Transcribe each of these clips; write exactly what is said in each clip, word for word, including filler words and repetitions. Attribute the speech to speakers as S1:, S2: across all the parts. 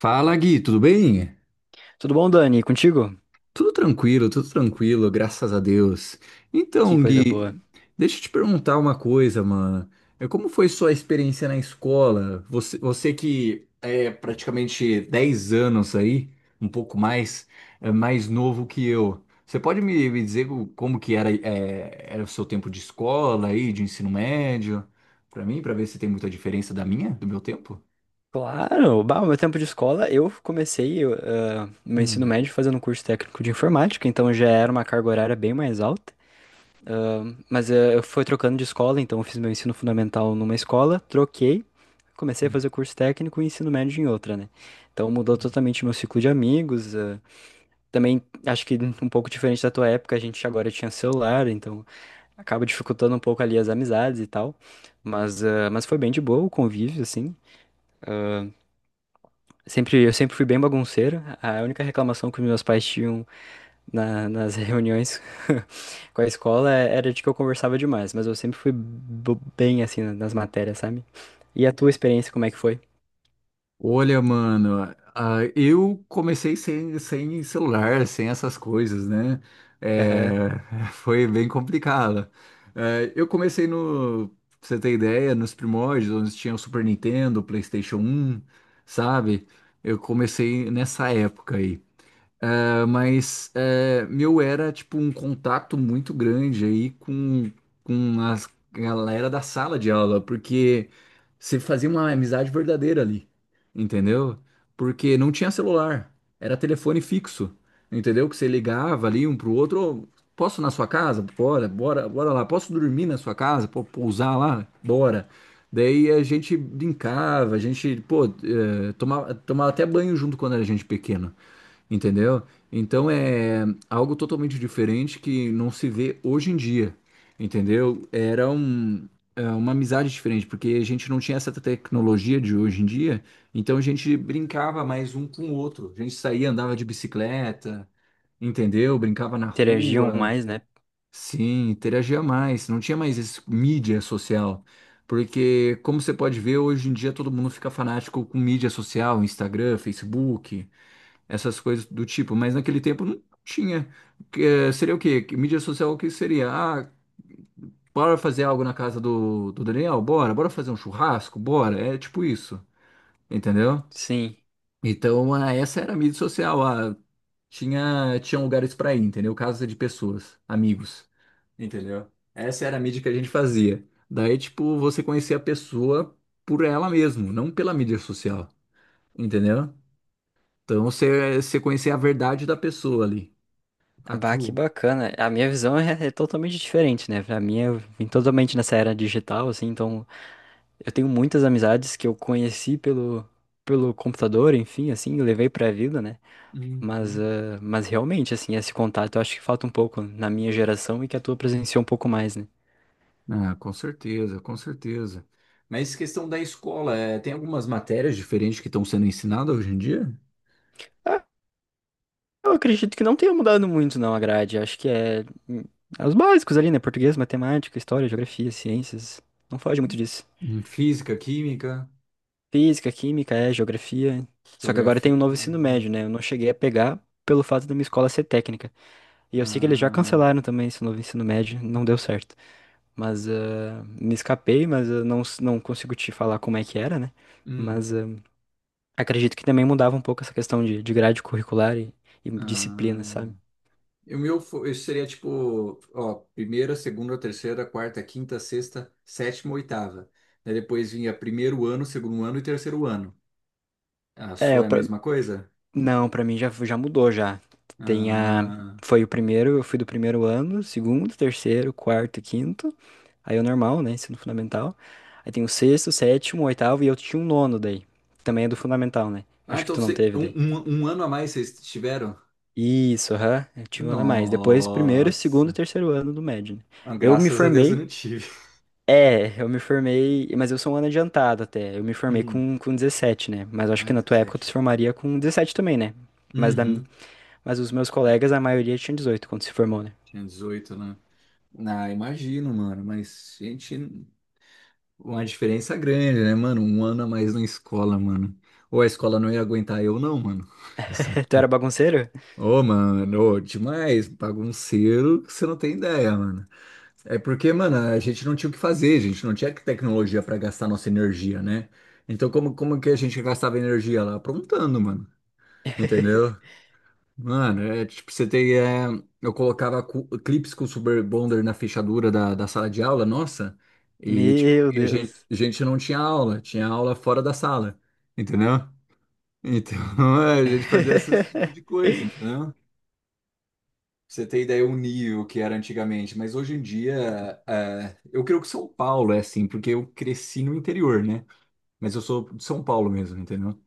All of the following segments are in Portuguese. S1: Fala, Gui, tudo bem?
S2: Tudo bom, Dani? Contigo?
S1: Tudo tranquilo, tudo tranquilo, graças a Deus.
S2: Que
S1: Então,
S2: coisa
S1: Gui,
S2: boa.
S1: deixa eu te perguntar uma coisa, mano. É, Como foi sua experiência na escola? Você, você que é praticamente dez anos aí, um pouco mais, é mais novo que eu. Você pode me, me dizer o- como que era, é, era o seu tempo de escola aí, de ensino médio, pra mim, pra ver se tem muita diferença da minha, do meu tempo?
S2: Claro, bah, o meu tempo de escola, eu comecei eu, ah, meu ensino
S1: Hum.
S2: médio fazendo um curso técnico de informática, então já era uma carga horária bem mais alta. Ah, mas ah, eu fui trocando de escola, então eu fiz meu ensino fundamental numa escola, troquei, comecei a fazer curso técnico e ensino médio em outra, né? Então mudou
S1: Hum.
S2: totalmente meu ciclo de amigos. Ah, também acho que um pouco diferente da tua época, a gente agora tinha celular, então acaba dificultando um pouco ali as amizades e tal. Mas, ah, mas foi bem de boa o convívio, assim. Ah, Sempre, eu sempre fui bem bagunceiro. A única reclamação que os meus pais tinham na- nas reuniões com a escola é, era de que eu conversava demais, mas eu sempre fui bo- bem assim nas matérias, sabe? E a tua experiência, como é que foi?
S1: Olha, mano, ah, eu comecei sem, sem celular, sem essas coisas, né?
S2: Aham.
S1: É, foi bem complicado. É, eu comecei no, pra você ter ideia, nos primórdios, onde tinha o Super Nintendo, o PlayStation um, sabe? Eu comecei nessa época aí. Ah, mas é, meu, era tipo um contato muito grande aí com, com a galera da sala de aula, porque você fazia uma amizade verdadeira ali, entendeu? Porque não tinha celular, era telefone fixo, entendeu? Que você ligava ali um pro outro, "Ô, posso ir na sua casa? Bora, bora, bora lá, posso dormir na sua casa? Pô, pousar lá? Bora." Daí a gente brincava, a gente, pô, eh, tomava, tomava até banho junto quando era gente pequena. Entendeu? Então é algo totalmente diferente que não se vê hoje em dia, entendeu? Era um, é, uma amizade diferente, porque a gente não tinha essa tecnologia de hoje em dia, então a gente brincava mais um com o outro. A gente saía, andava de bicicleta, entendeu? Brincava na
S2: Interagiam
S1: rua,
S2: mais, né?
S1: sim, interagia mais. Não tinha mais esse mídia social, porque como você pode ver, hoje em dia todo mundo fica fanático com mídia social, Instagram, Facebook, essas coisas do tipo, mas naquele tempo não tinha. Que, eh, seria o quê? Que mídia social, o que seria? Ah, bora fazer algo na casa do, do Daniel? Bora, bora fazer um churrasco? Bora, é tipo isso, entendeu?
S2: Sim.
S1: Então, ah, essa era a mídia social, ah, tinha, tinha lugares pra ir, entendeu? Casa de pessoas, amigos, entendeu? Essa era a mídia que a gente fazia. Daí, tipo, você conhecia a pessoa por ela mesmo, não pela mídia social, entendeu? Então, você, você conhecia a verdade da pessoa ali. A
S2: Bah, que
S1: True.
S2: bacana. A minha visão é, é totalmente diferente, né? Pra mim, eu vim totalmente nessa era digital, assim, então eu tenho muitas amizades que eu conheci pelo, pelo computador, enfim, assim, eu levei pra vida, né? Mas,
S1: Uhum.
S2: ah, mas realmente, assim, esse contato eu acho que falta um pouco na minha geração e que a tua presenciou um pouco mais, né?
S1: Ah, com certeza, com certeza. Mas questão da escola, é, tem algumas matérias diferentes que estão sendo ensinadas hoje em dia?
S2: Ah, eu acredito que não tenha mudado muito, não, a grade. Acho que é, hum, é os básicos ali, né? Português, matemática, história, geografia, ciências. Não foge muito disso.
S1: Em física, química,
S2: Física, química, é, geografia. Só que agora
S1: geografia,
S2: tem um novo ensino
S1: biologia.
S2: médio, né? Eu não cheguei a pegar pelo fato da minha escola ser técnica. E eu sei que eles já
S1: Ah.
S2: cancelaram também esse novo ensino médio, não deu certo. Mas ah, me escapei, mas ah, não, s- não consigo te falar como é que era, né?
S1: Hum.
S2: Mas ah, acredito que também mudava um pouco essa questão de, de grade curricular e, e disciplina,
S1: Ah.
S2: sabe?
S1: E o meu fo- isso seria tipo, ó, primeira, segunda, terceira, quarta, quinta, sexta, sétima, oitava. Daí depois vinha primeiro ano, segundo ano e terceiro ano. A
S2: É,
S1: sua
S2: eu
S1: é a
S2: pra-
S1: mesma coisa?
S2: não, pra mim já, já mudou já. Tem a...
S1: Ah,
S2: Foi o primeiro, eu fui do primeiro ano, segundo, terceiro, quarto, e quinto. Aí é o normal, né? Ensino fundamental. Aí tem o sexto, sétimo, oitavo e eu tinha um nono daí. Também é do fundamental, né?
S1: ah
S2: Acho que
S1: então
S2: tu não
S1: você-
S2: teve daí.
S1: um, um um ano a mais vocês tiveram?
S2: Isso, aham. Eu tive um ano a mais. Depois, primeiro, segundo e
S1: Nossa.
S2: terceiro ano do médio, né?
S1: Ah,
S2: Eu me
S1: graças a Deus eu
S2: formei.
S1: não tive.
S2: É, eu me formei, mas eu sou um ano adiantado até. Eu me formei
S1: Hum.
S2: com, com dezessete, né? Mas eu acho
S1: Ah,
S2: que na tua época tu
S1: dezessete.
S2: se formaria com dezessete também, né? Mas, da,
S1: Uhum.
S2: mas os meus colegas, a maioria tinha dezoito quando se formou, né?
S1: Tinha dezoito, né? Ah, imagino, mano. Mas, gente, uma diferença grande, né, mano? Um ano a mais na escola, mano. Ou a escola não ia aguentar eu, não, mano.
S2: Tu era bagunceiro?
S1: Ô, mano, ô, demais. Bagunceiro, que você não tem ideia, mano. É porque, mano, a gente não tinha o que fazer, a gente não tinha tecnologia pra gastar nossa energia, né? Então, como, como que a gente gastava energia lá? Aprontando, mano. Entendeu? Mano, é tipo, você tem. É, eu colocava cu- clipes com Super Bonder na fechadura da, da sala de aula, nossa, e tipo,
S2: Meu
S1: e a gente,
S2: Deus.
S1: a gente não tinha aula, tinha aula fora da sala, entendeu? Então a gente fazia esse tipo de coisa, entendeu? Pra Você tem ideia o nível que era antigamente, mas hoje em dia, é, eu creio que São Paulo é assim, porque eu cresci no interior, né? Mas eu sou de São Paulo mesmo, entendeu?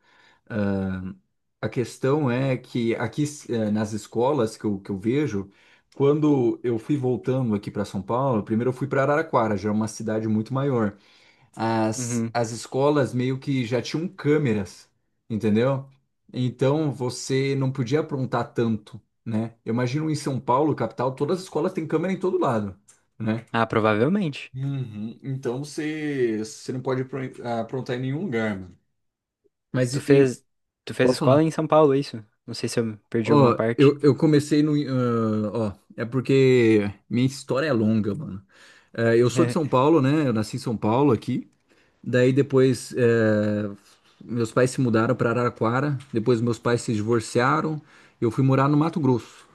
S1: Ah, a questão é que aqui eh, nas escolas que eu, que eu vejo, quando eu fui voltando aqui para São Paulo, primeiro eu fui para Araraquara, já é uma cidade muito maior. As,
S2: Uhum.
S1: as escolas meio que já tinham câmeras, entendeu? Então você não podia aprontar tanto, né? Eu imagino em São Paulo, capital, todas as escolas têm câmera em todo lado, né?
S2: Ah, provavelmente.
S1: Uhum. Então você, você não pode apron- aprontar em nenhum lugar, mano. Mas
S2: Tu
S1: e, e-
S2: fez, tu fez
S1: pode
S2: escola
S1: falar.
S2: em São Paulo, é isso? Não sei se eu perdi alguma
S1: Ó, eu,
S2: parte.
S1: eu comecei no. Ah, ó, é porque minha história é longa, mano. Eh, eu sou de São Paulo, né? Eu nasci em São Paulo aqui. Daí depois eh, meus pais se mudaram para Araraquara. Depois meus pais se divorciaram. Eu fui morar no Mato Grosso.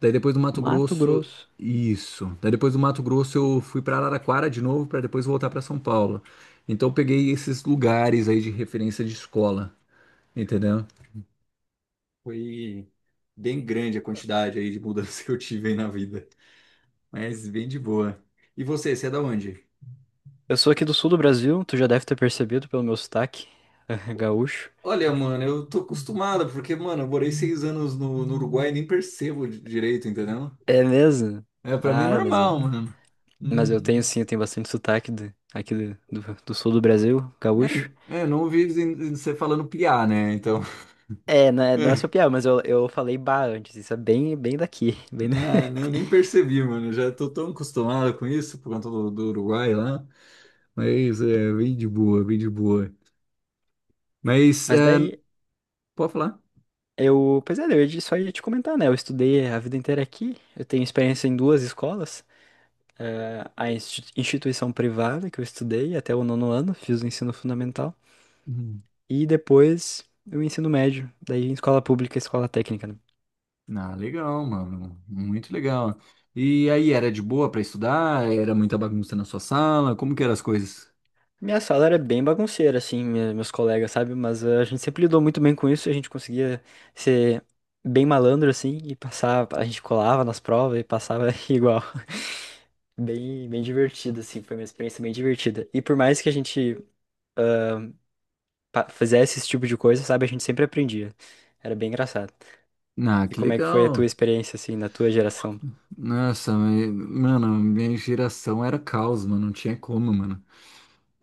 S1: Daí depois do Mato
S2: Mato
S1: Grosso.
S2: Grosso.
S1: Isso. Daí depois do Mato Grosso eu fui para Araraquara de novo para depois voltar para São Paulo. Então eu peguei esses lugares aí de referência de escola, entendeu? Foi bem grande a quantidade aí de mudanças que eu tive aí na vida. Mas bem de boa. E você, você é da onde?
S2: Eu sou aqui do sul do Brasil, tu já deve ter percebido pelo meu sotaque gaúcho.
S1: Olha, mano, eu tô acostumado, porque, mano, eu morei seis anos no, no Uruguai e nem percebo di- direito, entendeu?
S2: É mesmo?
S1: É, pra mim é
S2: Ah, mas, eu-
S1: normal, mano.
S2: mas eu tenho
S1: Uhum.
S2: sim, eu tenho bastante sotaque do- aqui do, do- do sul do Brasil, gaúcho.
S1: É, é, não ouvi zen- você falando piá, né? Então,
S2: É, não é, não é só
S1: é,
S2: piada, mas eu, eu falei bah antes, isso é bem, bem daqui. Bem... da-
S1: ah, eu nem percebi, mano. Já tô tão acostumado com isso por conta do, do Uruguai lá. Mas é bem de boa, bem de boa. Mas,
S2: Mas
S1: é,
S2: daí,
S1: pode falar?
S2: eu. Pois é, eu ia, te- só ia te comentar, né? Eu estudei a vida inteira aqui, eu tenho experiência em duas escolas. Eh, a insti- instituição privada que eu estudei até o nono ano, fiz o ensino fundamental. E depois o ensino médio, daí em escola pública, escola técnica, né?
S1: Ah, legal, mano. Muito legal. E aí, era de boa pra estudar? Era muita bagunça na sua sala? Como que eram as coisas?
S2: Minha sala era bem bagunceira, assim, minha- meus colegas, sabe? Mas eh, a gente sempre lidou muito bem com isso, a gente conseguia ser bem malandro, assim, e passar, a gente colava nas provas e passava igual. Bem, bem divertido, assim, foi uma experiência bem divertida. E por mais que a gente pa- fizesse esse tipo de coisa, sabe? A gente sempre aprendia. Era bem engraçado.
S1: Ah,
S2: E
S1: que
S2: como é que foi a tua
S1: legal.
S2: experiência, assim, na tua geração?
S1: Nossa, me- mano, minha geração era caos, mano. Não tinha como, mano.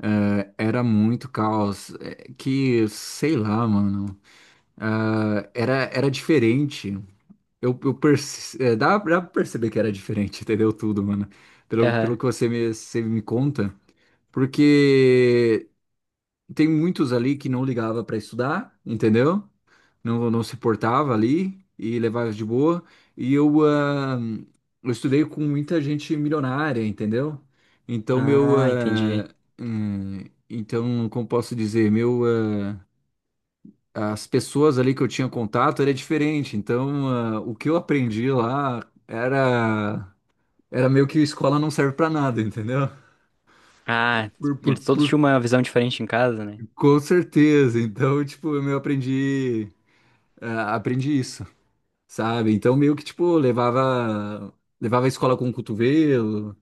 S1: É, Era muito caos. É que, sei lá, mano. Ah, era, era diferente. Eu, eu perce- é, dá, dá pra perceber que era diferente, entendeu? Tudo, mano. Pelo, pelo
S2: Aham.
S1: que você me, você me conta. Porque tem muitos ali que não ligava para estudar, entendeu? Não, não se portava ali e levava de boa. E eu, ah, eu estudei com muita gente milionária, entendeu? Então, meu.
S2: Ah,
S1: ah,
S2: entendi.
S1: hum, então, como posso dizer? Meu, ah, as pessoas ali que eu tinha contato era diferente. Então, ah, o que eu aprendi lá era. Era meio que escola não serve para nada, entendeu?
S2: Ah,
S1: Por, por,
S2: eles todos
S1: por,
S2: tinham uma visão diferente em casa, né?
S1: com certeza. Então, tipo, eu aprendi. Ah, aprendi isso, sabe? Então meio que tipo levava levava a escola com o cotovelo,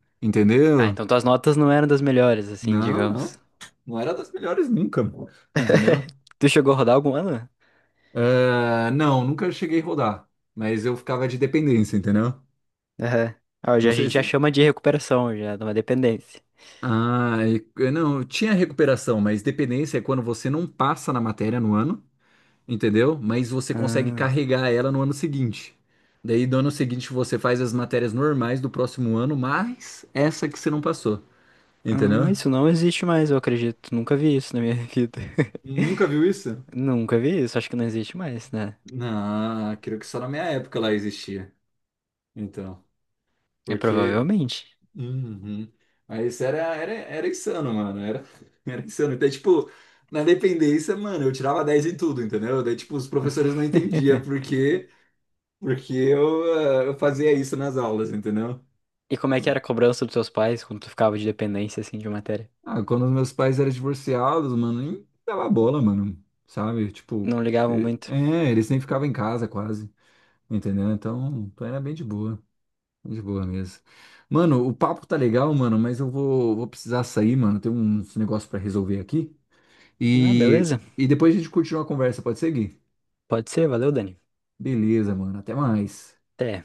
S2: Ah,
S1: entendeu?
S2: então tuas notas não eram das melhores, assim,
S1: Não,
S2: digamos.
S1: não. Não era das melhores nunca, entendeu?
S2: Tu chegou a rodar algum ano?
S1: Ah, não, nunca cheguei a rodar, mas eu ficava de dependência, entendeu?
S2: Aham. Ah, hoje
S1: Não
S2: a
S1: sei
S2: gente já
S1: se.
S2: chama de recuperação, já, de uma dependência.
S1: Ah, e- não, tinha recuperação, mas dependência é quando você não passa na matéria no ano. Entendeu? Mas você consegue
S2: Ah,
S1: carregar ela no ano seguinte. Daí, do ano seguinte, você faz as matérias normais do próximo ano, mas essa que você não passou,
S2: ah,
S1: entendeu?
S2: isso não existe mais, eu acredito. Nunca vi isso na minha vida.
S1: Nunca viu isso?
S2: Nunca vi isso, acho que não existe mais, né?
S1: Não, creio que só na minha época lá existia. Então,
S2: É
S1: porque.
S2: provavelmente.
S1: Uhum. Mas era, era, era insano, mano. Era, era insano. Então, tipo, na dependência, mano, eu tirava dez em tudo, entendeu? Daí, tipo, os professores não entendiam por quê, porque eu, ah, eu fazia isso nas aulas, entendeu?
S2: E como é que era a cobrança dos seus pais quando tu ficava de dependência, assim, de matéria?
S1: Ah, quando os meus pais eram divorciados, mano, nem dava bola, mano, sabe? Tipo,
S2: Não ligavam
S1: eh,
S2: muito.
S1: é, eles nem ficavam em casa quase, entendeu? Então, então era bem de boa, bem de boa mesmo. Mano, o papo tá legal, mano, mas eu vou, vou, precisar sair, mano, tem uns negócios pra resolver aqui.
S2: Ah,
S1: E,
S2: beleza.
S1: e depois a gente continua a conversa, pode seguir?
S2: Pode ser, valeu, Dani.
S1: Beleza, mano, até mais.
S2: Até.